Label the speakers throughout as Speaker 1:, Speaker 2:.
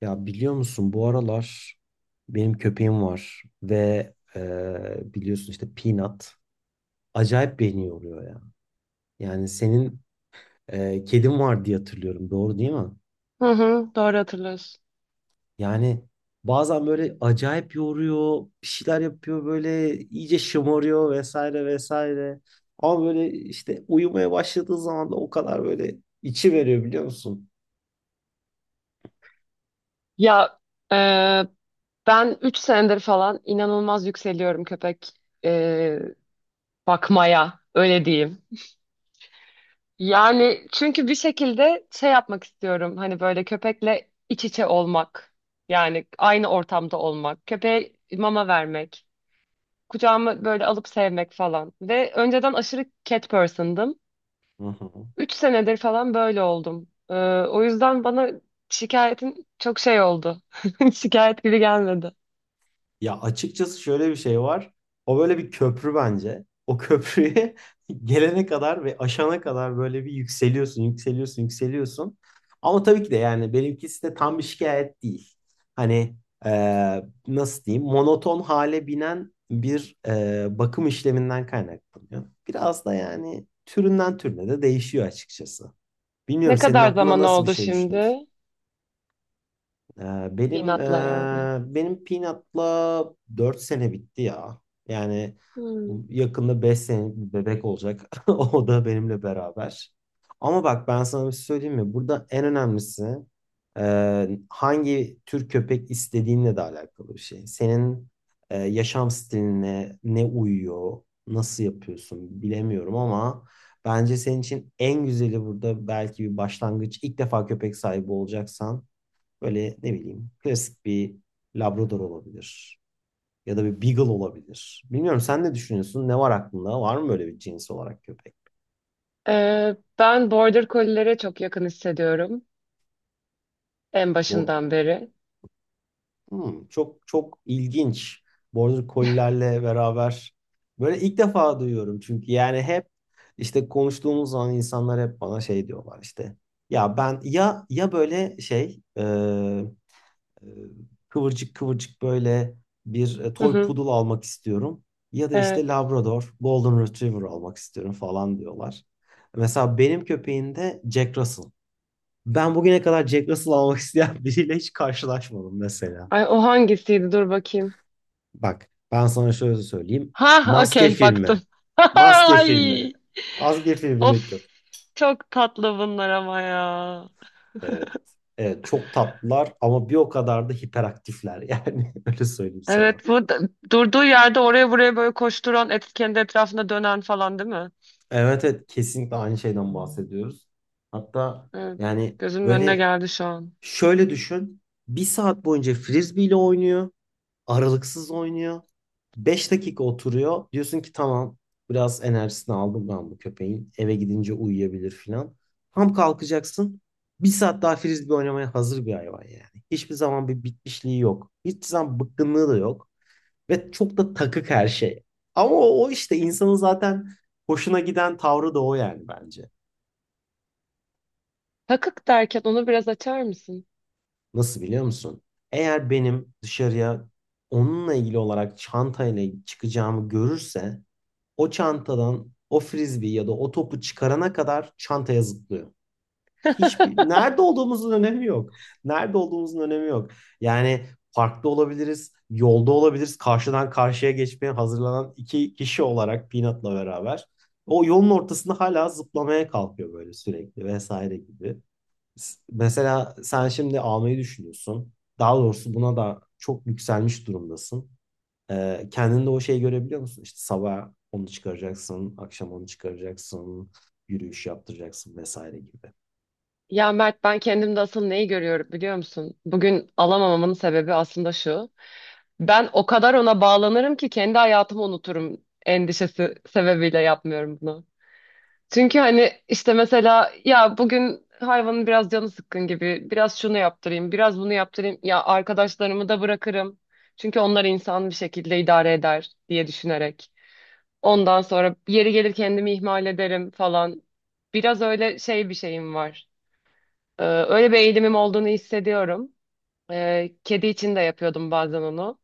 Speaker 1: Ya biliyor musun bu aralar benim köpeğim var ve biliyorsun işte Peanut acayip beni yoruyor ya. Yani senin kedin var diye hatırlıyorum, doğru değil mi?
Speaker 2: Hı hı, doğru hatırlıyorsun.
Speaker 1: Yani bazen böyle acayip yoruyor, bir şeyler yapıyor, böyle iyice şımarıyor, vesaire vesaire. Ama böyle işte uyumaya başladığı zaman da o kadar böyle içi veriyor biliyor musun?
Speaker 2: Ya e, ben 3 senedir falan inanılmaz yükseliyorum köpek e, bakmaya öyle diyeyim. Yani çünkü bir şekilde şey yapmak istiyorum hani böyle köpekle iç içe olmak. Yani aynı ortamda olmak, köpeğe mama vermek, kucağıma böyle alıp sevmek falan. Ve önceden aşırı cat person'dım. Üç senedir falan böyle oldum. O yüzden bana şikayetin çok şey oldu. Şikayet gibi gelmedi.
Speaker 1: Ya açıkçası şöyle bir şey var. O böyle bir köprü bence. O köprüye gelene kadar ve aşana kadar böyle bir yükseliyorsun, yükseliyorsun, yükseliyorsun. Ama tabii ki de yani benimkisi de tam bir şikayet değil. Hani nasıl diyeyim, monoton hale binen bir bakım işleminden kaynaklanıyor. Biraz da yani türünden türüne de değişiyor açıkçası. Bilmiyorum
Speaker 2: Ne
Speaker 1: senin
Speaker 2: kadar
Speaker 1: aklına
Speaker 2: zaman
Speaker 1: nasıl bir
Speaker 2: oldu
Speaker 1: şey düşünüyorsun?
Speaker 2: şimdi?
Speaker 1: Ee, benim
Speaker 2: Pinatla yani.
Speaker 1: ee, benim Peanut'la 4 sene bitti ya. Yani
Speaker 2: Hmm.
Speaker 1: yakında 5 senelik bir bebek olacak. O da benimle beraber. Ama bak ben sana bir şey söyleyeyim mi? Burada en önemlisi hangi tür köpek istediğinle de alakalı bir şey. Senin yaşam stiline ne uyuyor, nasıl yapıyorsun bilemiyorum, ama bence senin için en güzeli burada belki bir başlangıç. İlk defa köpek sahibi olacaksan böyle ne bileyim klasik bir Labrador olabilir. Ya da bir Beagle olabilir. Bilmiyorum sen ne düşünüyorsun? Ne var aklında? Var mı böyle bir cins olarak köpek?
Speaker 2: Ben Border Collie'lere çok yakın hissediyorum. En
Speaker 1: Bu
Speaker 2: başından beri.
Speaker 1: Çok çok ilginç. Border Collie'lerle beraber böyle ilk defa duyuyorum. Çünkü yani hep işte konuştuğumuz zaman insanlar hep bana şey diyorlar işte. Ya ben ya böyle şey e, kıvırcık kıvırcık böyle bir
Speaker 2: Hı
Speaker 1: toy
Speaker 2: hı,
Speaker 1: poodle almak istiyorum. Ya da işte
Speaker 2: evet.
Speaker 1: Labrador, Golden Retriever almak istiyorum falan diyorlar. Mesela benim köpeğim de Jack Russell. Ben bugüne kadar Jack Russell almak isteyen biriyle hiç karşılaşmadım mesela.
Speaker 2: Ay, o hangisiydi? Dur bakayım.
Speaker 1: Bak ben sana şöyle söyleyeyim.
Speaker 2: Ha,
Speaker 1: Maske
Speaker 2: okey
Speaker 1: filmi.
Speaker 2: baktım.
Speaker 1: Maske filmi.
Speaker 2: Ay,
Speaker 1: Maske filmindeki
Speaker 2: of.
Speaker 1: köpek.
Speaker 2: Çok tatlı bunlar ama ya.
Speaker 1: Evet. Evet çok tatlılar, ama bir o kadar da hiperaktifler, yani öyle söyleyeyim sana.
Speaker 2: Evet, durduğu yerde oraya buraya böyle koşturan, kendi etrafında dönen falan değil mi?
Speaker 1: Evet, evet, kesinlikle aynı şeyden bahsediyoruz. Hatta
Speaker 2: Evet.
Speaker 1: yani
Speaker 2: Gözümün önüne
Speaker 1: böyle
Speaker 2: geldi şu an.
Speaker 1: şöyle düşün. Bir saat boyunca frisbee ile oynuyor. Aralıksız oynuyor. 5 dakika oturuyor. Diyorsun ki tamam, biraz enerjisini aldım ben bu köpeğin. Eve gidince uyuyabilir filan. Tam kalkacaksın. Bir saat daha frisbee oynamaya hazır bir hayvan yani. Hiçbir zaman bir bitmişliği yok. Hiçbir zaman bıkkınlığı da yok. Ve çok da takık her şey. Ama o işte insanın zaten hoşuna giden tavrı da o yani bence.
Speaker 2: Takık derken onu biraz açar mısın?
Speaker 1: Nasıl biliyor musun? Eğer benim dışarıya onunla ilgili olarak çantayla çıkacağımı görürse o çantadan o frisbee ya da o topu çıkarana kadar çantaya zıplıyor. hiçbir nerede olduğumuzun önemi yok. Nerede olduğumuzun önemi yok. Yani parkta olabiliriz, yolda olabiliriz. Karşıdan karşıya geçmeye hazırlanan iki kişi olarak Peanut'la beraber o yolun ortasında hala zıplamaya kalkıyor böyle sürekli vesaire gibi. Mesela sen şimdi almayı düşünüyorsun. Daha doğrusu buna da çok yükselmiş durumdasın. Kendinde o şeyi görebiliyor musun? İşte sabah onu çıkaracaksın, akşam onu çıkaracaksın, yürüyüş yaptıracaksın vesaire gibi.
Speaker 2: Ya Mert, ben kendimde asıl neyi görüyorum biliyor musun? Bugün alamamamın sebebi aslında şu. Ben o kadar ona bağlanırım ki kendi hayatımı unuturum endişesi sebebiyle yapmıyorum bunu. Çünkü hani işte mesela ya bugün hayvanın biraz canı sıkkın gibi biraz şunu yaptırayım biraz bunu yaptırayım ya arkadaşlarımı da bırakırım. Çünkü onlar insan bir şekilde idare eder diye düşünerek. Ondan sonra yeri gelir kendimi ihmal ederim falan. Biraz öyle şey bir şeyim var. Öyle bir eğilimim olduğunu hissediyorum. Kedi için de yapıyordum bazen onu.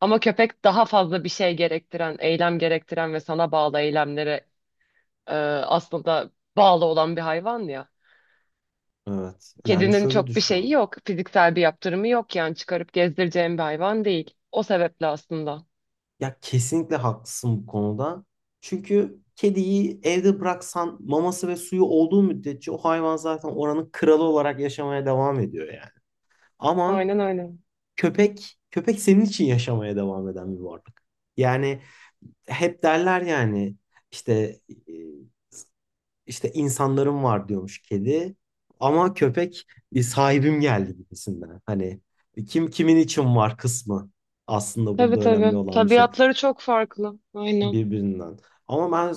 Speaker 2: Ama köpek daha fazla bir şey gerektiren, eylem gerektiren ve sana bağlı eylemlere aslında bağlı olan bir hayvan ya.
Speaker 1: Evet. Yani
Speaker 2: Kedinin
Speaker 1: şöyle
Speaker 2: çok bir şeyi
Speaker 1: düşün.
Speaker 2: yok. Fiziksel bir yaptırımı yok yani çıkarıp gezdireceğim bir hayvan değil. O sebeple aslında.
Speaker 1: Ya kesinlikle haklısın bu konuda. Çünkü kediyi evde bıraksan maması ve suyu olduğu müddetçe o hayvan zaten oranın kralı olarak yaşamaya devam ediyor yani. Ama
Speaker 2: Aynen öyle.
Speaker 1: köpek senin için yaşamaya devam eden bir varlık. Yani hep derler yani işte İşte insanlarım var diyormuş kedi. Ama köpek sahibim geldi gibisinden. Hani kim kimin için var kısmı aslında
Speaker 2: Tabii
Speaker 1: burada önemli
Speaker 2: tabii.
Speaker 1: olan bir şey
Speaker 2: Tabiatları çok farklı. Aynen.
Speaker 1: birbirinden. Ama ben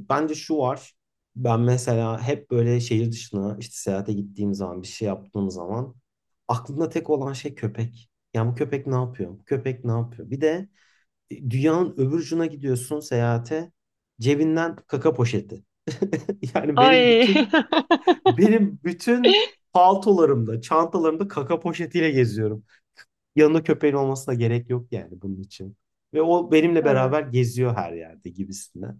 Speaker 1: e, bence şu var. Ben mesela hep böyle şehir dışına işte seyahate gittiğim zaman bir şey yaptığım zaman aklımda tek olan şey köpek. Ya bu köpek ne yapıyor? Bu köpek ne yapıyor? Bir de dünyanın öbür ucuna gidiyorsun seyahate, cebinden kaka poşeti. Yani benim
Speaker 2: Ay.
Speaker 1: bütün benim bütün paltolarımda, çantalarımda kaka poşetiyle geziyorum. Yanında köpeğin olmasına gerek yok yani bunun için. Ve o benimle
Speaker 2: Tabii.
Speaker 1: beraber geziyor her yerde gibisinden.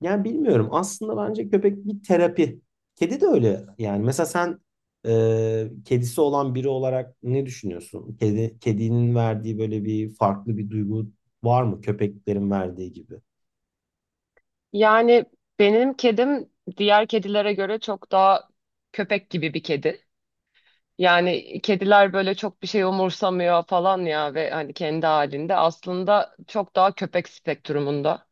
Speaker 1: Yani bilmiyorum. Aslında bence köpek bir terapi. Kedi de öyle. Yani mesela sen kedisi olan biri olarak ne düşünüyorsun? Kedinin verdiği böyle bir farklı bir duygu var mı? Köpeklerin verdiği gibi.
Speaker 2: Yani benim kedim diğer kedilere göre çok daha köpek gibi bir kedi. Yani kediler böyle çok bir şey umursamıyor falan ya ve hani kendi halinde aslında çok daha köpek spektrumunda.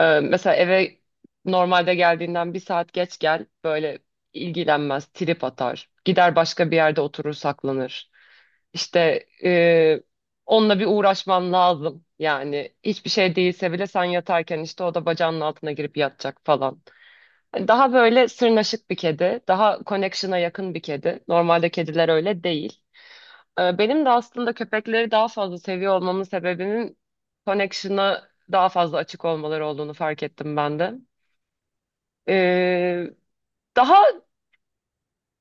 Speaker 2: Mesela eve normalde geldiğinden bir saat geç gel böyle ilgilenmez, trip atar. Gider başka bir yerde oturur saklanır. İşte onunla bir uğraşman lazım. Yani hiçbir şey değilse bile sen yatarken işte o da bacağının altına girip yatacak falan. Daha böyle sırnaşık bir kedi, daha connection'a yakın bir kedi. Normalde kediler öyle değil. Benim de aslında köpekleri daha fazla seviyor olmamın sebebinin connection'a daha fazla açık olmaları olduğunu fark ettim ben de. Ee, daha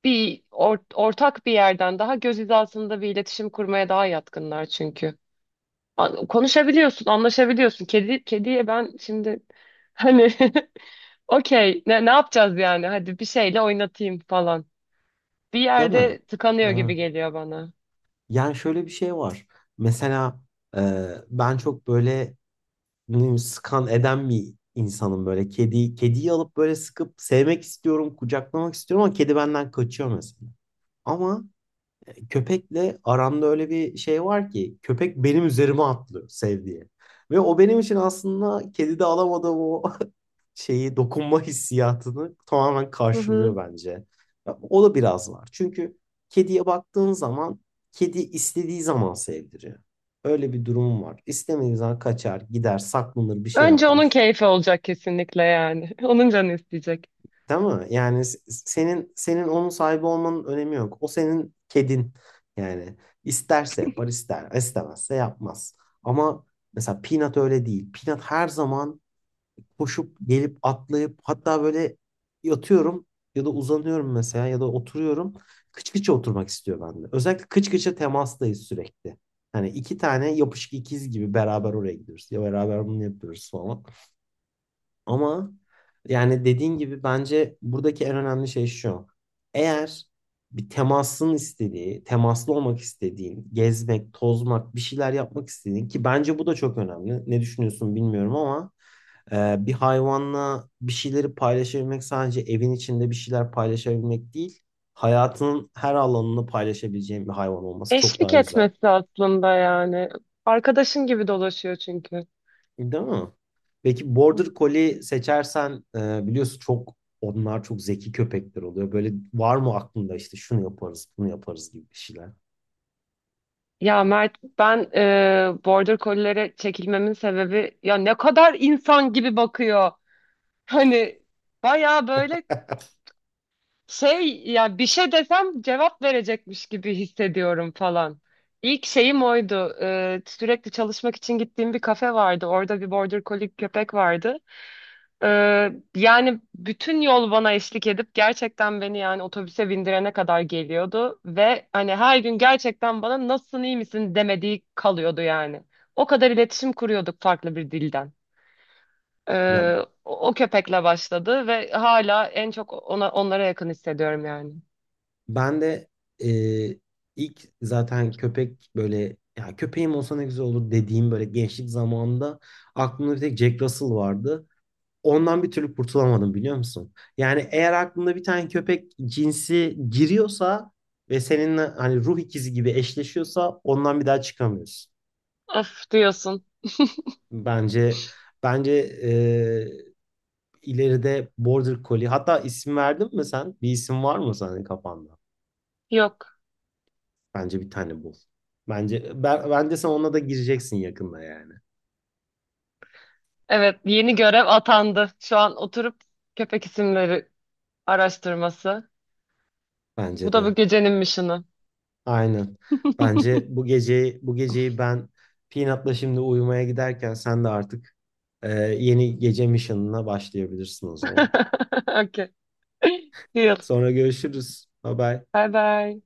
Speaker 2: bir ortak bir yerden, daha göz hizasında bir iletişim kurmaya daha yatkınlar çünkü. Konuşabiliyorsun, anlaşabiliyorsun. Kedi kediye ben şimdi hani okey ne yapacağız yani? Hadi bir şeyle oynatayım falan. Bir
Speaker 1: Değil mi?
Speaker 2: yerde tıkanıyor
Speaker 1: Ha.
Speaker 2: gibi geliyor bana.
Speaker 1: Yani şöyle bir şey var. Mesela ben çok böyle bileyim, sıkan eden bir insanım böyle. Kediyi alıp böyle sıkıp sevmek istiyorum, kucaklamak istiyorum, ama kedi benden kaçıyor mesela. Ama köpekle aramda öyle bir şey var ki köpek benim üzerime atlıyor sevdiği. Ve o benim için aslında kedide alamadığım o şeyi, dokunma hissiyatını tamamen
Speaker 2: Hı
Speaker 1: karşılıyor
Speaker 2: hı.
Speaker 1: bence. Ya, o da biraz var. Çünkü kediye baktığın zaman kedi istediği zaman sevdiriyor. Öyle bir durum var. İstemediği zaman kaçar, gider, saklanır, bir şey
Speaker 2: Önce onun
Speaker 1: yapar.
Speaker 2: keyfi olacak kesinlikle yani. Onun canı isteyecek.
Speaker 1: Değil mi? Yani senin onun sahibi olmanın önemi yok. O senin kedin. Yani isterse yapar, istemezse yapmaz. Ama mesela Peanut öyle değil. Peanut her zaman koşup gelip atlayıp hatta böyle yatıyorum ya da uzanıyorum mesela ya da oturuyorum. Kıç kıça oturmak istiyor bende. Özellikle kıç kıça temastayız sürekli. Hani iki tane yapışık ikiz gibi beraber oraya gidiyoruz. Ya beraber bunu yapıyoruz falan. Ama yani dediğin gibi bence buradaki en önemli şey şu. Eğer bir temasın istediği, temaslı olmak istediğin, gezmek, tozmak, bir şeyler yapmak istediğin ki bence bu da çok önemli. Ne düşünüyorsun bilmiyorum, ama bir hayvanla bir şeyleri paylaşabilmek, sadece evin içinde bir şeyler paylaşabilmek değil, hayatının her alanını paylaşabileceğin bir hayvan olması çok
Speaker 2: Eşlik
Speaker 1: daha güzel.
Speaker 2: etmesi aslında yani. Arkadaşın gibi dolaşıyor çünkü.
Speaker 1: Değil mi? Peki Border Collie seçersen biliyorsun onlar çok zeki köpekler oluyor. Böyle var mı aklında, işte şunu yaparız, bunu yaparız gibi bir şeyler.
Speaker 2: Ya Mert, ben Border Collie'lere çekilmemin sebebi ya ne kadar insan gibi bakıyor. Hani baya böyle Ya bir şey desem cevap verecekmiş gibi hissediyorum falan. İlk şeyim oydu. Sürekli çalışmak için gittiğim bir kafe vardı. Orada bir Border Collie köpek vardı. Yani bütün yol bana eşlik edip gerçekten beni yani otobüse bindirene kadar geliyordu. Ve hani her gün gerçekten bana nasılsın iyi misin demediği kalıyordu yani. O kadar iletişim kuruyorduk farklı bir dilden.
Speaker 1: Ya
Speaker 2: Ee, o köpekle başladı ve hala en çok ona, onlara yakın hissediyorum yani.
Speaker 1: ben de e, ilk zaten köpek böyle ya köpeğim olsa ne güzel olur dediğim böyle gençlik zamanında aklımda bir tek Jack Russell vardı. Ondan bir türlü kurtulamadım biliyor musun? Yani eğer aklında bir tane köpek cinsi giriyorsa ve seninle hani ruh ikizi gibi eşleşiyorsa ondan bir daha çıkamıyorsun.
Speaker 2: Of diyorsun.
Speaker 1: Bence bence eee, ileride Border Collie, hatta isim verdin mi sen? Bir isim var mı senin kafanda?
Speaker 2: Yok.
Speaker 1: Bence bir tane bul. Bence sen ona da gireceksin yakında yani.
Speaker 2: Evet, yeni görev atandı. Şu an oturup köpek isimleri araştırması. Bu
Speaker 1: Bence
Speaker 2: da bu
Speaker 1: de.
Speaker 2: gecenin mission'ı.
Speaker 1: Aynen. Bence bu geceyi ben Peanut'la şimdi uyumaya giderken, sen de artık Ee, yeni gece mission'ına başlayabilirsin o zaman.
Speaker 2: Okay. Deal.
Speaker 1: Sonra görüşürüz. Bye bye.
Speaker 2: Bye bye.